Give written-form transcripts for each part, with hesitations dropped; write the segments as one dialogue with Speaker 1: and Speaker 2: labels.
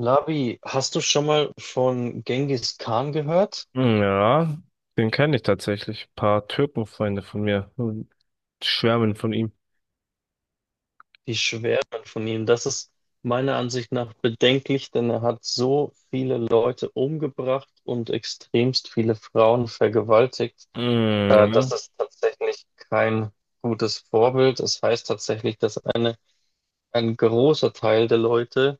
Speaker 1: Labi, hast du schon mal von Genghis Khan gehört?
Speaker 2: Ja, den kenne ich tatsächlich. Ein paar Türkenfreunde von mir schwärmen von ihm.
Speaker 1: Die schwärmen von ihm. Das ist meiner Ansicht nach bedenklich, denn er hat so viele Leute umgebracht und extremst viele Frauen vergewaltigt. Das
Speaker 2: Mhm.
Speaker 1: ist tatsächlich kein gutes Vorbild. Das heißt tatsächlich, dass ein großer Teil der Leute,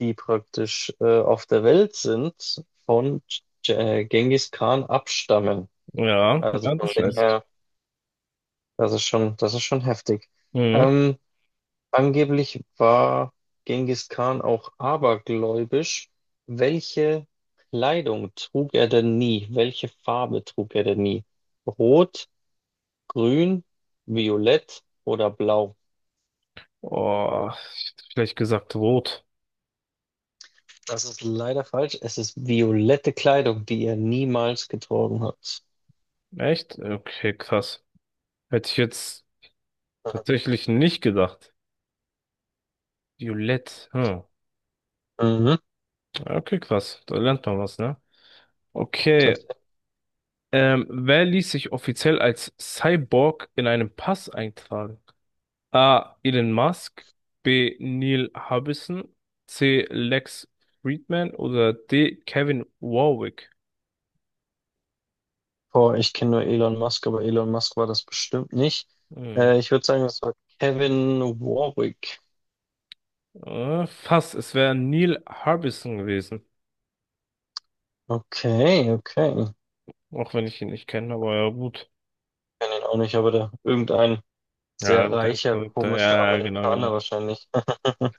Speaker 1: die praktisch auf der Welt sind, von Genghis Khan abstammen.
Speaker 2: Ja, ja,
Speaker 1: Also
Speaker 2: ja,
Speaker 1: von
Speaker 2: das
Speaker 1: dem
Speaker 2: weiß ich.
Speaker 1: her. Das ist schon heftig.
Speaker 2: Mhm.
Speaker 1: Ähm, angeblich war Genghis Khan auch abergläubisch. Welche Kleidung trug er denn nie? Welche Farbe trug er denn nie? Rot, grün, violett oder blau?
Speaker 2: Oh, ich hätte vielleicht gesagt rot.
Speaker 1: Das ist leider falsch. Es ist violette Kleidung, die er niemals getragen hat.
Speaker 2: Echt? Okay, krass. Hätte ich jetzt tatsächlich nicht gedacht. Violett. Hm.
Speaker 1: Mhm,
Speaker 2: Okay, krass. Da lernt man was, ne? Okay.
Speaker 1: tatsächlich.
Speaker 2: Wer ließ sich offiziell als Cyborg in einem Pass eintragen? A. Elon Musk, B. Neil Harbison, C. Lex Friedman oder D. Kevin Warwick.
Speaker 1: Boah, ich kenne nur Elon Musk, aber Elon Musk war das bestimmt nicht.
Speaker 2: Hm.
Speaker 1: Ich würde sagen, das war Kevin Warwick.
Speaker 2: Fast, es wäre Neil Harbison gewesen.
Speaker 1: Okay, okay. Ich
Speaker 2: Auch wenn ich ihn nicht kenne, aber ja gut.
Speaker 1: kenne ihn auch nicht, aber irgendein
Speaker 2: Ja,
Speaker 1: sehr
Speaker 2: dein
Speaker 1: reicher,
Speaker 2: Verrückter.
Speaker 1: komischer
Speaker 2: Ja, genau,
Speaker 1: Amerikaner
Speaker 2: genau.
Speaker 1: wahrscheinlich.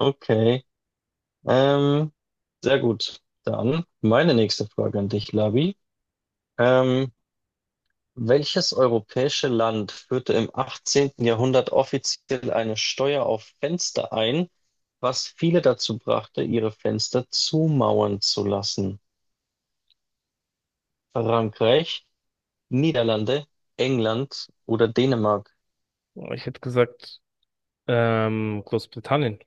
Speaker 1: Okay. Ähm, sehr gut. Dann meine nächste Frage an dich, Labi. Ähm, welches europäische Land führte im 18. Jahrhundert offiziell eine Steuer auf Fenster ein, was viele dazu brachte, ihre Fenster zumauern zu lassen? Frankreich, Niederlande, England oder Dänemark?
Speaker 2: Ich hätte gesagt, Großbritannien.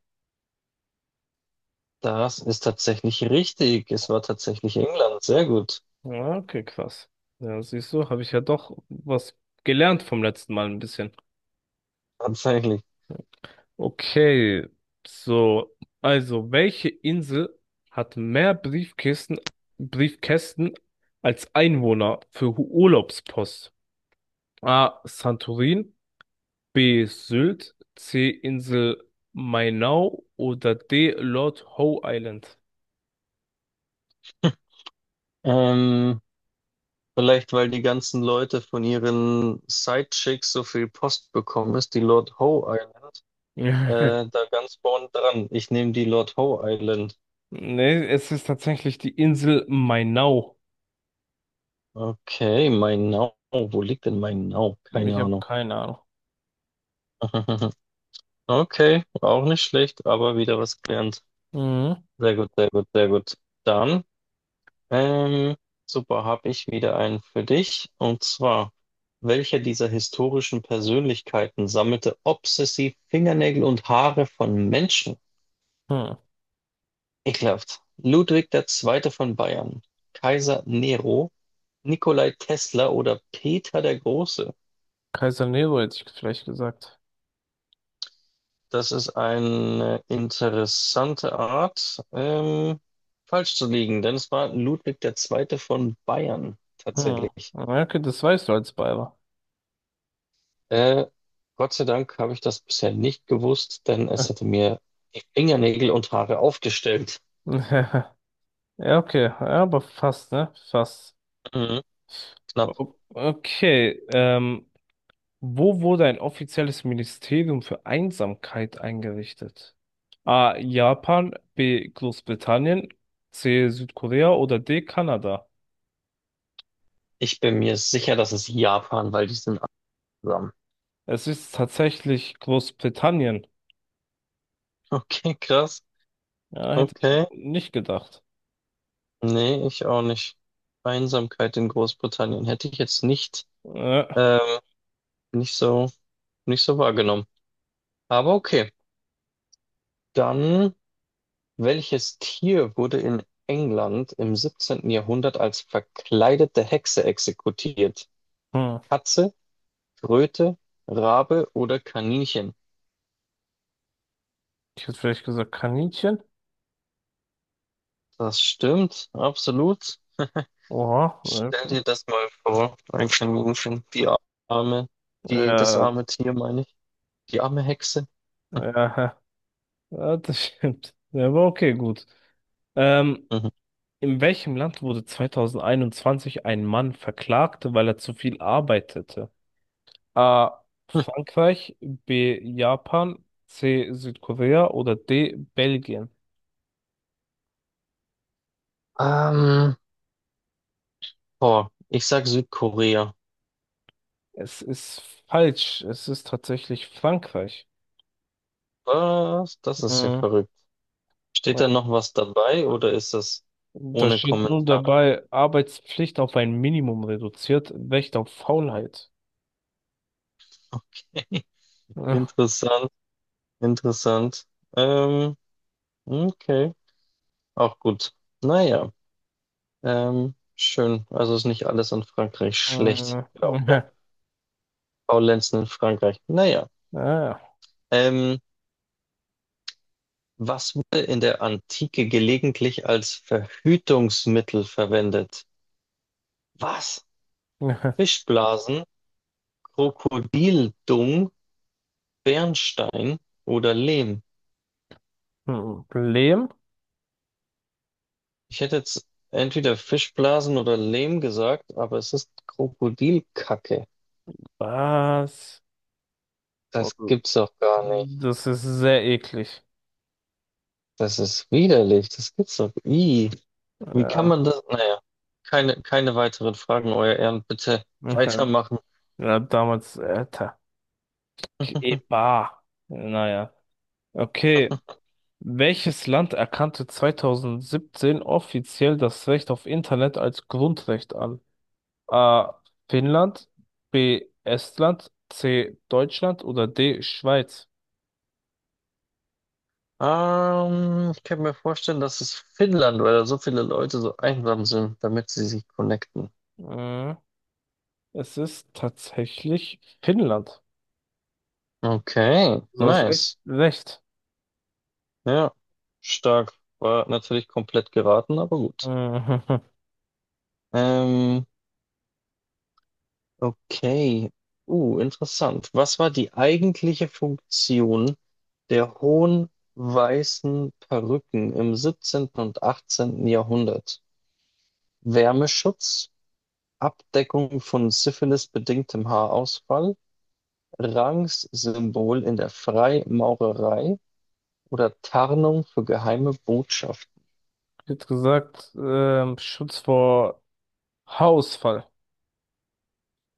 Speaker 1: Das ist tatsächlich richtig. Es war tatsächlich England. Sehr gut.
Speaker 2: Ja, okay, krass. Ja, siehst du, habe ich ja doch was gelernt vom letzten Mal ein bisschen.
Speaker 1: Tatsächlich.
Speaker 2: Okay, so, also welche Insel hat mehr Briefkisten, Briefkästen als Einwohner für Urlaubspost? A. Santorin, B. Sylt, C. Insel Mainau oder D. Lord Howe Island?
Speaker 1: Ähm, vielleicht, weil die ganzen Leute von ihren Sidechicks so viel Post bekommen ist, die Lord Howe Island, da ganz vorn dran. Ich nehme die Lord Howe Island.
Speaker 2: Nee, es ist tatsächlich die Insel Mainau.
Speaker 1: Okay, Mainau. Wo liegt denn Mainau?
Speaker 2: Ich
Speaker 1: Keine
Speaker 2: habe
Speaker 1: Ahnung.
Speaker 2: keine Ahnung.
Speaker 1: Okay, auch nicht schlecht, aber wieder was gelernt.
Speaker 2: Mhm.
Speaker 1: Sehr gut, sehr gut, sehr gut. Dann. Ähm, super, habe ich wieder einen für dich. Und zwar, welcher dieser historischen Persönlichkeiten sammelte obsessiv Fingernägel und Haare von Menschen?
Speaker 2: Hm.
Speaker 1: Ekelhaft. Ludwig der Zweite von Bayern, Kaiser Nero, Nikolai Tesla oder Peter der Große?
Speaker 2: Kaiser Nero hätte ich vielleicht gesagt.
Speaker 1: Das ist eine interessante Art, falsch zu liegen, denn es war Ludwig der Zweite von Bayern
Speaker 2: Hm.
Speaker 1: tatsächlich.
Speaker 2: Okay, das weißt du als Bayer.
Speaker 1: Äh, Gott sei Dank habe ich das bisher nicht gewusst, denn es hätte mir die Fingernägel und Haare aufgestellt.
Speaker 2: Ja, okay, ja, aber fast, ne? Fast.
Speaker 1: Mhm, knapp.
Speaker 2: Okay, wo wurde ein offizielles Ministerium für Einsamkeit eingerichtet? A. Japan, B. Großbritannien, C. Südkorea oder D. Kanada?
Speaker 1: Ich bin mir sicher, das ist Japan, weil die sind einsam.
Speaker 2: Es ist tatsächlich Großbritannien.
Speaker 1: Okay, krass.
Speaker 2: Ja, hätte ich
Speaker 1: Okay.
Speaker 2: nicht gedacht.
Speaker 1: Nee, ich auch nicht. Einsamkeit in Großbritannien hätte ich jetzt nicht,
Speaker 2: Äh,
Speaker 1: ähm, nicht so, nicht so wahrgenommen. Aber okay. Dann, welches Tier wurde in England im 17. Jahrhundert als verkleidete Hexe exekutiert?
Speaker 2: hm.
Speaker 1: Katze, Kröte, Rabe oder Kaninchen?
Speaker 2: Ich hätte vielleicht gesagt Kaninchen.
Speaker 1: Das stimmt, absolut.
Speaker 2: Oha,
Speaker 1: Stell
Speaker 2: okay.
Speaker 1: dir das mal vor, ein Kaninchen, die arme, das
Speaker 2: Ja,
Speaker 1: arme Tier, meine ich, die arme Hexe.
Speaker 2: ja, ja, das stimmt. Ja, aber okay, gut. Ähm,
Speaker 1: Mhm.
Speaker 2: In welchem Land wurde 2021 ein Mann verklagt, weil er zu viel arbeitete? A.
Speaker 1: Hm.
Speaker 2: Frankreich, B. Japan, C. Südkorea oder D. Belgien?
Speaker 1: Ähm, boah, ich sag Südkorea.
Speaker 2: Es ist falsch. Es ist tatsächlich Frankreich.
Speaker 1: Was? Das ist ja
Speaker 2: Mhm.
Speaker 1: verrückt. Steht
Speaker 2: Ja.
Speaker 1: da noch was dabei oder ist das
Speaker 2: Da
Speaker 1: ohne
Speaker 2: steht nun
Speaker 1: Kommentare?
Speaker 2: dabei, Arbeitspflicht auf ein Minimum reduziert, Recht auf Faulheit.
Speaker 1: Okay,
Speaker 2: Ja.
Speaker 1: interessant, interessant. Ähm, okay, auch gut. Naja. Schön. Also ist nicht alles in Frankreich schlecht.
Speaker 2: Mhm.
Speaker 1: Glaubt Faulenzen in Frankreich. Naja.
Speaker 2: Ja.
Speaker 1: Ähm, was wurde in der Antike gelegentlich als Verhütungsmittel verwendet? Was? Fischblasen, Krokodildung, Bernstein oder Lehm?
Speaker 2: Mhm. Problem?
Speaker 1: Ich hätte jetzt entweder Fischblasen oder Lehm gesagt, aber es ist Krokodilkacke.
Speaker 2: Was?
Speaker 1: Das gibt's doch gar nicht.
Speaker 2: Das ist sehr eklig.
Speaker 1: Das ist widerlich. Das gibt's doch. Ih. Wie kann
Speaker 2: Ja,
Speaker 1: man das? Naja, keine weiteren Fragen, Euer Ehren. Bitte
Speaker 2: ja,
Speaker 1: weitermachen.
Speaker 2: ja, damals, Alter. Keba. Naja. Okay. Welches Land erkannte 2017 offiziell das Recht auf Internet als Grundrecht an? A. Finnland, B. Estland, C. Deutschland oder D. Schweiz?
Speaker 1: Ich kann mir vorstellen, dass es Finnland weil da so viele Leute so einsam sind, damit sie sich connecten.
Speaker 2: Äh, Es ist tatsächlich Finnland.
Speaker 1: Okay,
Speaker 2: Du hast echt
Speaker 1: nice.
Speaker 2: recht.
Speaker 1: Ja, stark. War natürlich komplett geraten, aber gut.
Speaker 2: Äh,
Speaker 1: Ähm, okay. Interessant. Was war die eigentliche Funktion der hohen weißen Perücken im 17. und 18. Jahrhundert? Wärmeschutz, Abdeckung von syphilisbedingtem Haarausfall, Rangssymbol in der Freimaurerei oder Tarnung für geheime Botschaften.
Speaker 2: Ich hätte gesagt, Schutz vor Haarausfall.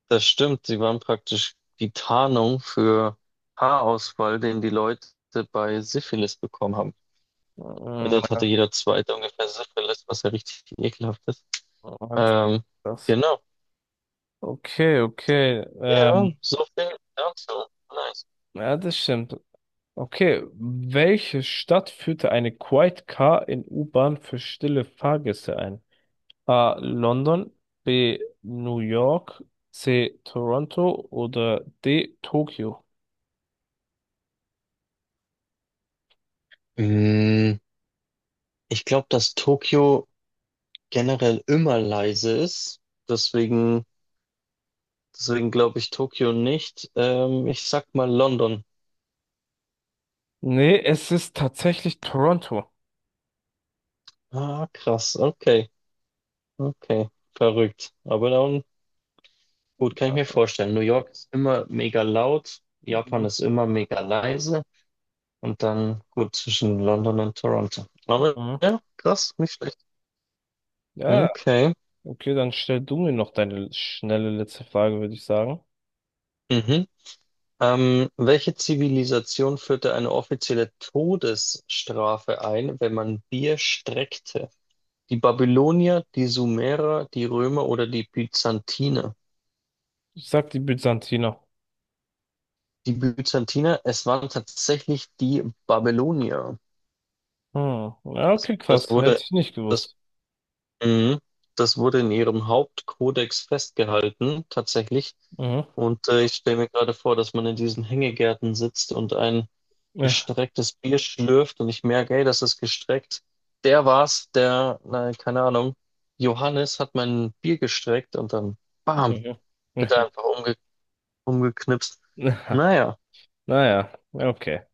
Speaker 1: Das stimmt, sie waren praktisch die Tarnung für Haarausfall, den die Leute bei Syphilis bekommen haben. Weil dort
Speaker 2: Mm,
Speaker 1: hatte jeder Zweite ungefähr Syphilis, was ja richtig ekelhaft ist.
Speaker 2: hat
Speaker 1: Ähm,
Speaker 2: das.
Speaker 1: genau.
Speaker 2: Okay, okay.
Speaker 1: Ja, so viel dazu. Nice.
Speaker 2: Ja, das stimmt. Okay, welche Stadt führte eine Quiet Car in U-Bahn für stille Fahrgäste ein? A. London, B. New York, C. Toronto oder D. Tokio?
Speaker 1: Mm, Ich glaube, dass Tokio generell immer leise ist. Deswegen, deswegen glaube ich Tokio nicht. Ich sag mal London.
Speaker 2: Nee, es ist tatsächlich Toronto.
Speaker 1: Ah, krass. Okay. Okay. Verrückt. Aber dann, gut, kann ich mir vorstellen. New York ist immer mega laut. Japan
Speaker 2: Mhm.
Speaker 1: ist immer mega leise. Und dann, gut, zwischen London und Toronto. Aber
Speaker 2: Mhm.
Speaker 1: ja, krass, nicht schlecht.
Speaker 2: Ja,
Speaker 1: Okay.
Speaker 2: okay, dann stell du mir noch deine schnelle letzte Frage, würde ich sagen.
Speaker 1: Mhm. Welche Zivilisation führte eine offizielle Todesstrafe ein, wenn man Bier streckte? Die Babylonier, die Sumerer, die Römer oder die Byzantiner.
Speaker 2: Ich sag die Byzantiner.
Speaker 1: Die Byzantiner, es waren tatsächlich die Babylonier.
Speaker 2: Hm. Ja,
Speaker 1: Das,
Speaker 2: okay,
Speaker 1: das
Speaker 2: krass. Hätte
Speaker 1: wurde,
Speaker 2: ich nicht
Speaker 1: das,
Speaker 2: gewusst.
Speaker 1: mhm. das wurde in ihrem Hauptkodex festgehalten, tatsächlich.
Speaker 2: Mhm.
Speaker 1: Und ich stelle mir gerade vor, dass man in diesen Hängegärten sitzt und ein
Speaker 2: Ja,
Speaker 1: gestrecktes Bier schlürft und ich merke, ey, das ist gestreckt. Der war's, na, keine Ahnung, Johannes hat mein Bier gestreckt und dann bam,
Speaker 2: mhm.
Speaker 1: wird er einfach umgebracht. Umgeknipst. Naja.
Speaker 2: Naja, ja, okay.